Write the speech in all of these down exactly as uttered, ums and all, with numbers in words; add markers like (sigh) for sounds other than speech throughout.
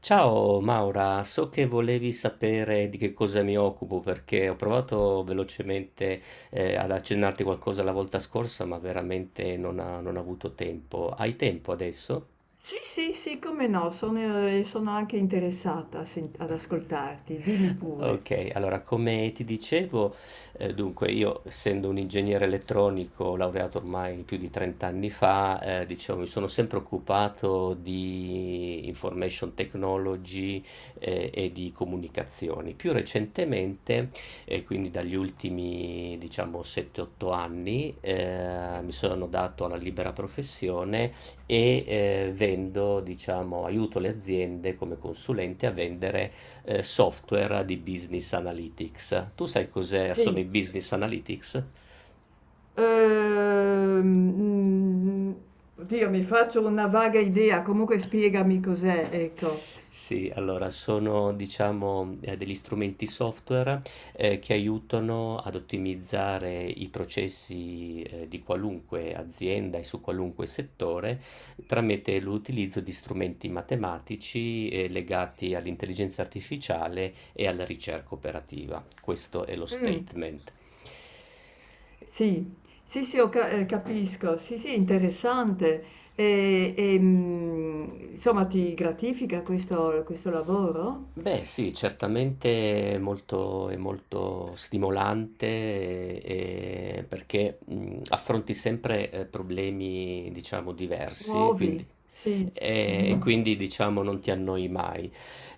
Ciao Maura, so che volevi sapere di che cosa mi occupo perché ho provato velocemente eh, ad accennarti qualcosa la volta scorsa, ma veramente non ha- non ho avuto tempo. Hai tempo adesso? Sì, sì, sì, come no, sono, eh, sono anche interessata a sen- ad ascoltarti, dimmi pure. Ok, allora come ti dicevo, eh, dunque io essendo un ingegnere elettronico laureato ormai più di trenta anni fa, eh, diciamo, mi sono sempre occupato di information technology, eh, e di comunicazioni. Più recentemente, e quindi dagli ultimi diciamo sette otto anni, eh, mi sono dato alla libera professione e eh, vendo, diciamo, aiuto le aziende come consulente a vendere eh, software di business analytics. Tu sai cos'è? Sono Sì, i business analytics? ehm, mm, oddio, mi faccio una vaga idea, comunque spiegami cos'è, ecco. Sì, allora sono diciamo eh, degli strumenti software eh, che aiutano ad ottimizzare i processi eh, di qualunque azienda e su qualunque settore tramite l'utilizzo di strumenti matematici eh, legati all'intelligenza artificiale e alla ricerca operativa. Questo è lo Mm, statement. sì, sì, sì, ho ca- eh, capisco, sì, sì, interessante. E, e, mm, insomma, ti gratifica questo, questo lavoro? Beh, sì, certamente è molto, è molto stimolante e- e perché mh, affronti sempre eh, problemi, diciamo, diversi, Nuovi, quindi, sì. e, e Mhm. quindi, diciamo, non ti annoi mai.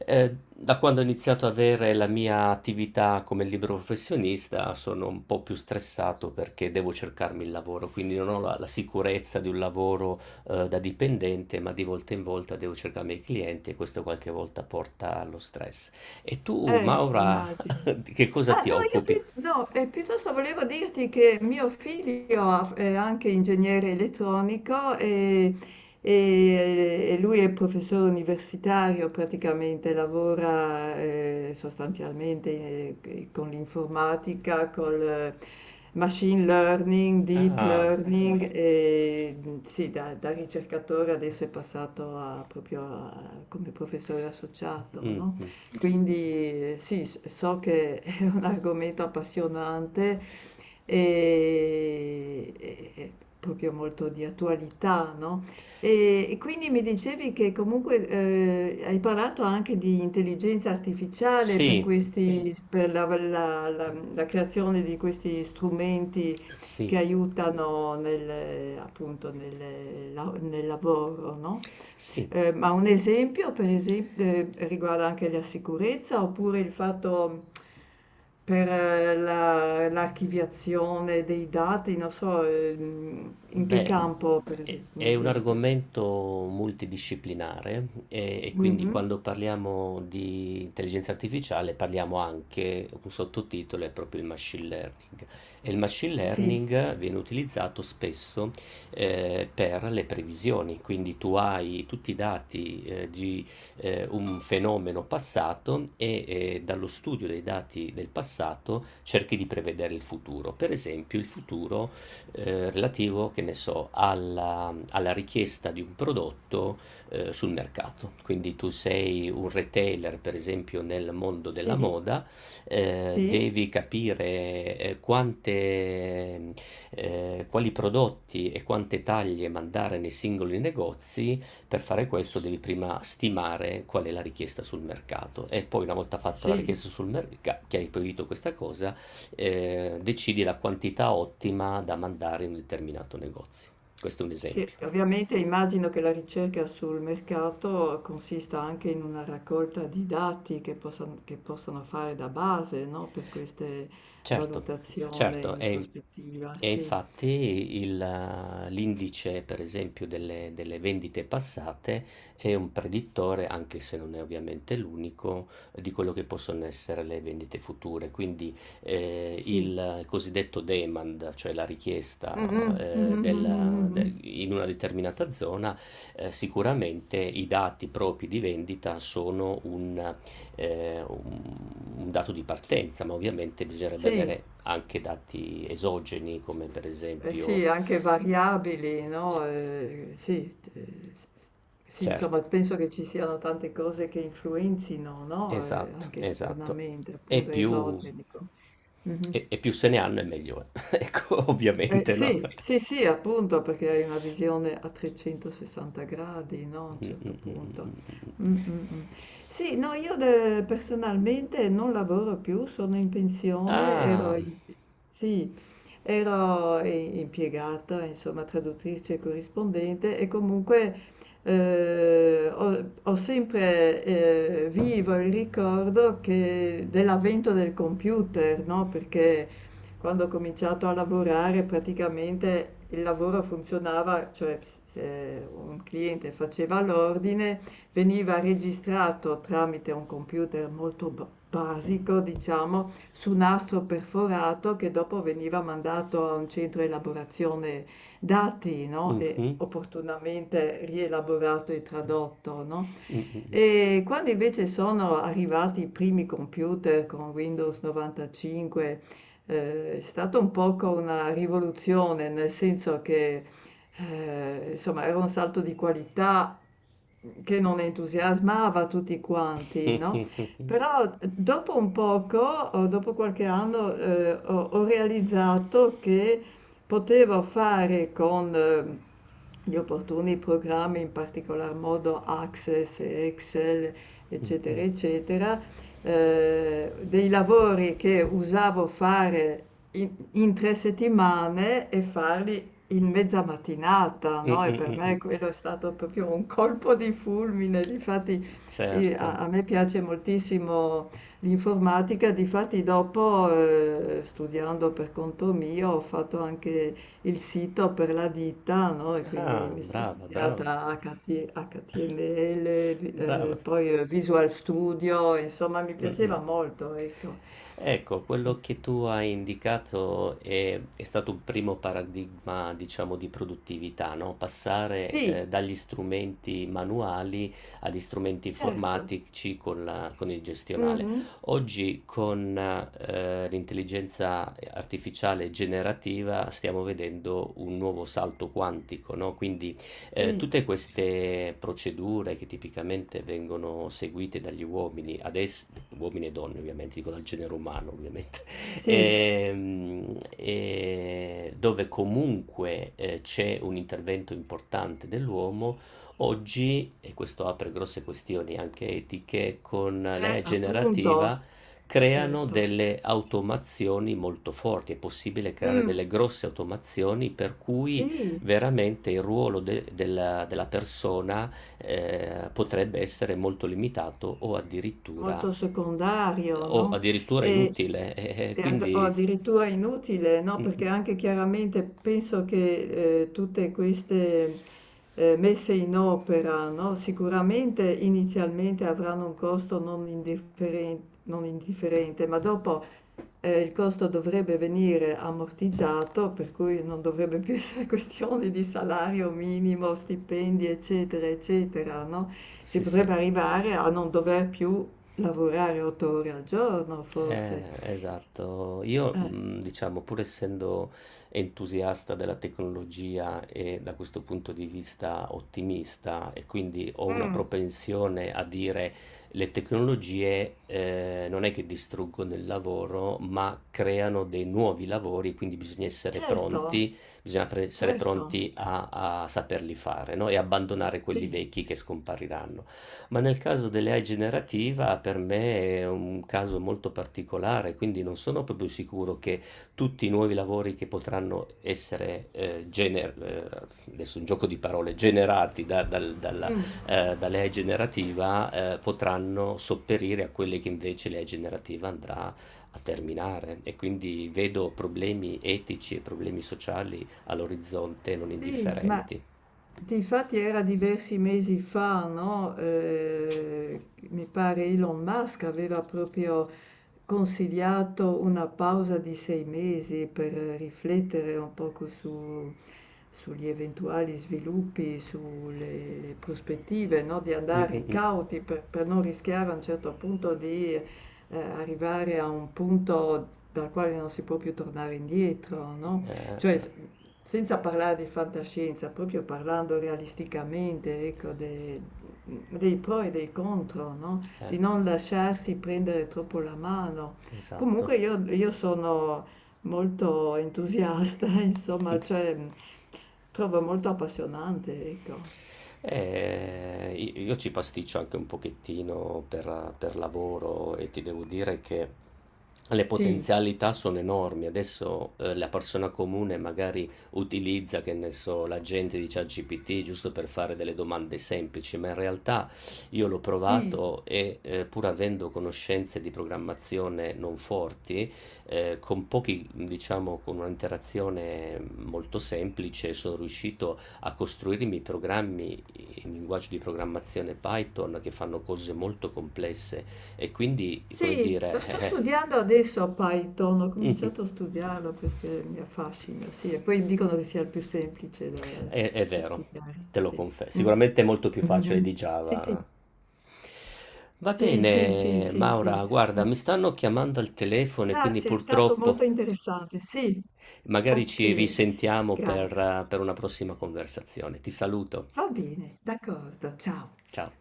Eh, da quando ho iniziato ad avere la mia attività come libero professionista sono un po' più stressato perché devo cercarmi il lavoro, quindi non ho la la sicurezza di un lavoro uhm, da dipendente, ma di volta in volta devo cercarmi i miei clienti e questo qualche volta porta allo stress. E tu, Eh, Maura, immagino. (laughs) di che cosa Ma ti no, io occupi? pi- no, eh, piuttosto volevo dirti che mio figlio ha- è anche ingegnere elettronico e, e- e lui è professore universitario, praticamente lavora eh, sostanzialmente eh, con l'informatica, col machine learning, deep Ah, learning e mm, sì, da, da ricercatore adesso è passato a- proprio a- come professore associato, no? mh-mh. Quindi eh, sì, s- so che (laughs) un argomento appassionante e, e- e proprio molto di attualità, no? E, e quindi mi dicevi che comunque eh, hai parlato anche di intelligenza artificiale per sì, Sì, questi, sì, per la, la- la- la creazione di questi strumenti sì, che aiutano nel, appunto nel, la- nel lavoro, no? sì. Ehm, ma un esempio per esem ehm, riguarda anche la sicurezza oppure il fatto per eh, la l'archiviazione dei dati, non so, ehm, in che Beh, campo per è ese un è un esempio. argomento multidisciplinare e, e quindi Mh-mh. quando parliamo di intelligenza artificiale parliamo anche, un sottotitolo è proprio il machine learning. E il machine Sì. learning viene utilizzato spesso eh, per le previsioni, quindi tu hai tutti i dati eh, di eh, un fenomeno passato e eh, dallo studio dei dati del passato cerchi di prevedere il futuro. Per esempio, il S futuro eh, relativo, che ne so, alla, alla richiesta di un prodotto eh, sul mercato. Quindi tu sei un retailer, per esempio, nel mondo della sì, moda, eh, sì, devi capire eh, quante, eh, quali prodotti e quante taglie mandare nei singoli negozi. Per fare questo devi prima stimare qual è la richiesta sul mercato e poi una volta fatta la sì. richiesta sul mercato, che hai proibito questa cosa, eh, decidi la quantità ottima da mandare in un determinato negozio. Questo è un Sì, esempio. ovviamente immagino che la ricerca sul mercato consista anche in una raccolta di dati che possan- che possono fare da base, no, per queste Certo, valutazioni certo, in e, prospettiva. e Sì, infatti il, eh, l'indice, per esempio, delle, delle vendite passate è un predittore, anche se non è ovviamente l'unico, di quello che possono essere le vendite future. Quindi sì, eh, sì. il cosiddetto demand, cioè la richiesta Mhm, eh, mhm, mhm, della- mhm. de- (laughs) in una determinata zona, eh, sicuramente i dati propri di vendita sono eh, un, un dato di partenza, ma ovviamente bisognerebbe Sì, avere anche dati esogeni, come per eh sì, esempio... anche variabili, no? eh, Eh, sì, eh, s- sì, certo, insomma, penso che ci siano tante cose che influenzino, no? Eh, esatto, anche esatto. esternamente, E appunto più, esogenico. Mhm. e, e più se ne hanno e meglio è. (laughs) Ecco, Eh, ovviamente, no? sì, sì, sì, (laughs) appunto, perché hai una visione a trecentosessanta gradi, no? A un Mm, certo mm, mm, punto. mm, mm. Mm, mm, mm. Sì, no, io de- personalmente non lavoro più, sono in pensione, Ah, ero, in- sì, ero i- impiegata, insomma, traduttrice e corrispondente e comunque eh, ho, ho sempre eh, vivo il ricordo che- dell'avvento del computer, no? Perché quando ho cominciato a lavorare praticamente il lavoro funzionava, cioè s- se un cliente faceva l'ordine, veniva registrato tramite un computer molto ba- basico, diciamo, su nastro perforato che dopo veniva mandato a un centro elaborazione dati, no? E mhm, opportunamente rielaborato e tradotto, no? mm, mm, mm. E quando invece sono arrivati i primi computer con Windows novantacinque, eh, è stata un poco una rivoluzione, nel senso che eh, insomma era un salto di qualità che non entusiasmava tutti (laughs) quanti, no? Mm, Però dopo un poco, o dopo qualche anno, eh, ho, ho realizzato che poteva fare con ehm, gli opportuni programmi, in particolar modo Access e Excel, eccetera, eccetera, eh, dei lavori che usavo fare in, in tre settimane e farli in mezza mattinata, mm, no? E per mm, mm. me quello è stato proprio un colpo di fulmine. Difatti, eh, a, Certo. a me piace moltissimo l'informatica, difatti dopo, ehm, studiando per conto mio, ho fatto anche il sito per la ditta, no, e quindi Ah, mi sono brava, brava, studiata acca ti acca ti emme elle, vi- brava. eh, poi eh, Visual Studio, insomma mi Mh-mh. piaceva molto, ecco. Ecco, quello Mm. che tu hai indicato è è stato un primo paradigma, diciamo, di produttività, no, passare, Sì, ehm, dagli strumenti manuali agli strumenti certo. informatici con la con il gestionale. Mhm. Oggi con, ehm, l'intelligenza, ehm, artificiale generativa stiamo vedendo un nuovo salto quantico, no, quindi eh, Sì, tutte queste procedure che tipicamente vengono seguite dagli uomini, adesso, uomini e donne ovviamente, dico dal genere umano ovviamente, (laughs) sì, ehm, eh, dove comunque eh, c'è un intervento importante dell'uomo, oggi, e questo apre grosse questioni anche etiche, con eh, l'A I generativa appunto, creano certo. delle automazioni molto forti, è possibile creare Mm, delle grosse automazioni per cui sì. veramente il ruolo de della della persona, ehm, potrebbe essere molto limitato o addirittura Molto secondario, o no, addirittura e inutile, (laughs) eh, eh, e ad o quindi addirittura inutile, no, perché mh-mh. anche chiaramente penso che, ehm, tutte queste, ehm, messe in opera, no, sicuramente inizialmente avranno un costo non indifferent non indifferente, ma dopo eh, il costo dovrebbe venire ammortizzato, per cui non dovrebbe più (laughs) essere questione di salario minimo, stipendi, eccetera, eccetera, no? Si Sì, sì. potrebbe arrivare a non dover più lavorare otto ore al giorno, Eh, forse. esatto. Io, Eh, mh, diciamo, pur essendo entusiasta della tecnologia e da questo punto di vista ottimista, e quindi ho una mm, propensione a dire le tecnologie eh, non è che distruggono il lavoro, ma creano dei nuovi lavori, quindi bisogna essere certo, pronti, bisogna pre- essere certo, pronti a, a saperli fare, no? E abbandonare quelli sì. vecchi che scompariranno. Ma nel caso dell'A I generativa per me è un caso molto particolare, quindi non sono proprio sicuro che tutti i nuovi lavori che potranno essere, eh, gener- eh, adesso un gioco di parole, generati da, dal- dalla, Mm. eh, dall'A I generativa, eh, potranno sopperire a quelli che invece l'A I generativa andrà a terminare. E quindi vedo problemi etici e problemi sociali all'orizzonte non Sì, ma indifferenti. difatti era diversi mesi fa, no? Eh, mi pare Elon Musk aveva proprio consigliato una pausa di sei mesi per riflettere un poco su- sugli eventuali sviluppi, sulle le prospettive, no? Di Mm, mm, andare mm. cauti per, per non rischiare a un certo punto di eh, arrivare a un punto dal quale non si può più tornare indietro, no? Eh, Cioè, senza parlare di fantascienza, proprio parlando realisticamente, ecco, de- dei pro e dei contro, no? eh. eh. Di non lasciarsi prendere troppo la mano. Esatto. Comunque io, io sono molto entusiasta, (laughs) insomma, cioè trovo molto appassionante, ecco. Eh, i- io ci pasticcio anche un pochettino per, per lavoro e ti devo dire che le Sì, potenzialità sono enormi. Adesso eh, la persona comune magari utilizza, che ne so, l'agente di ChatGPT giusto per fare delle domande semplici, ma in realtà io l'ho sì, provato e eh, pur avendo conoscenze di programmazione non forti, eh, con pochi, diciamo, con un'interazione molto semplice sono riuscito a costruire i miei programmi in linguaggio di programmazione Python che fanno cose molto complesse e quindi, come sì, lo dire, sto eh, studiando adesso a Python, ho eh, cominciato a studiarlo perché mi affascina, sì, e poi dicono che sia il più semplice da, è, è da vero, studiare, te lo sì. confesso. Mm, Sicuramente è molto più facile di sì, sì, Java. Va sì, sì, sì, bene, sì, Maura, sì. guarda, Mm, mi stanno chiamando al telefono e quindi grazie, è stato molto purtroppo interessante, sì, magari ci ok, risentiamo per, grazie. eh, per una prossima conversazione. Ti saluto. Va bene, d'accordo, ciao. Ciao.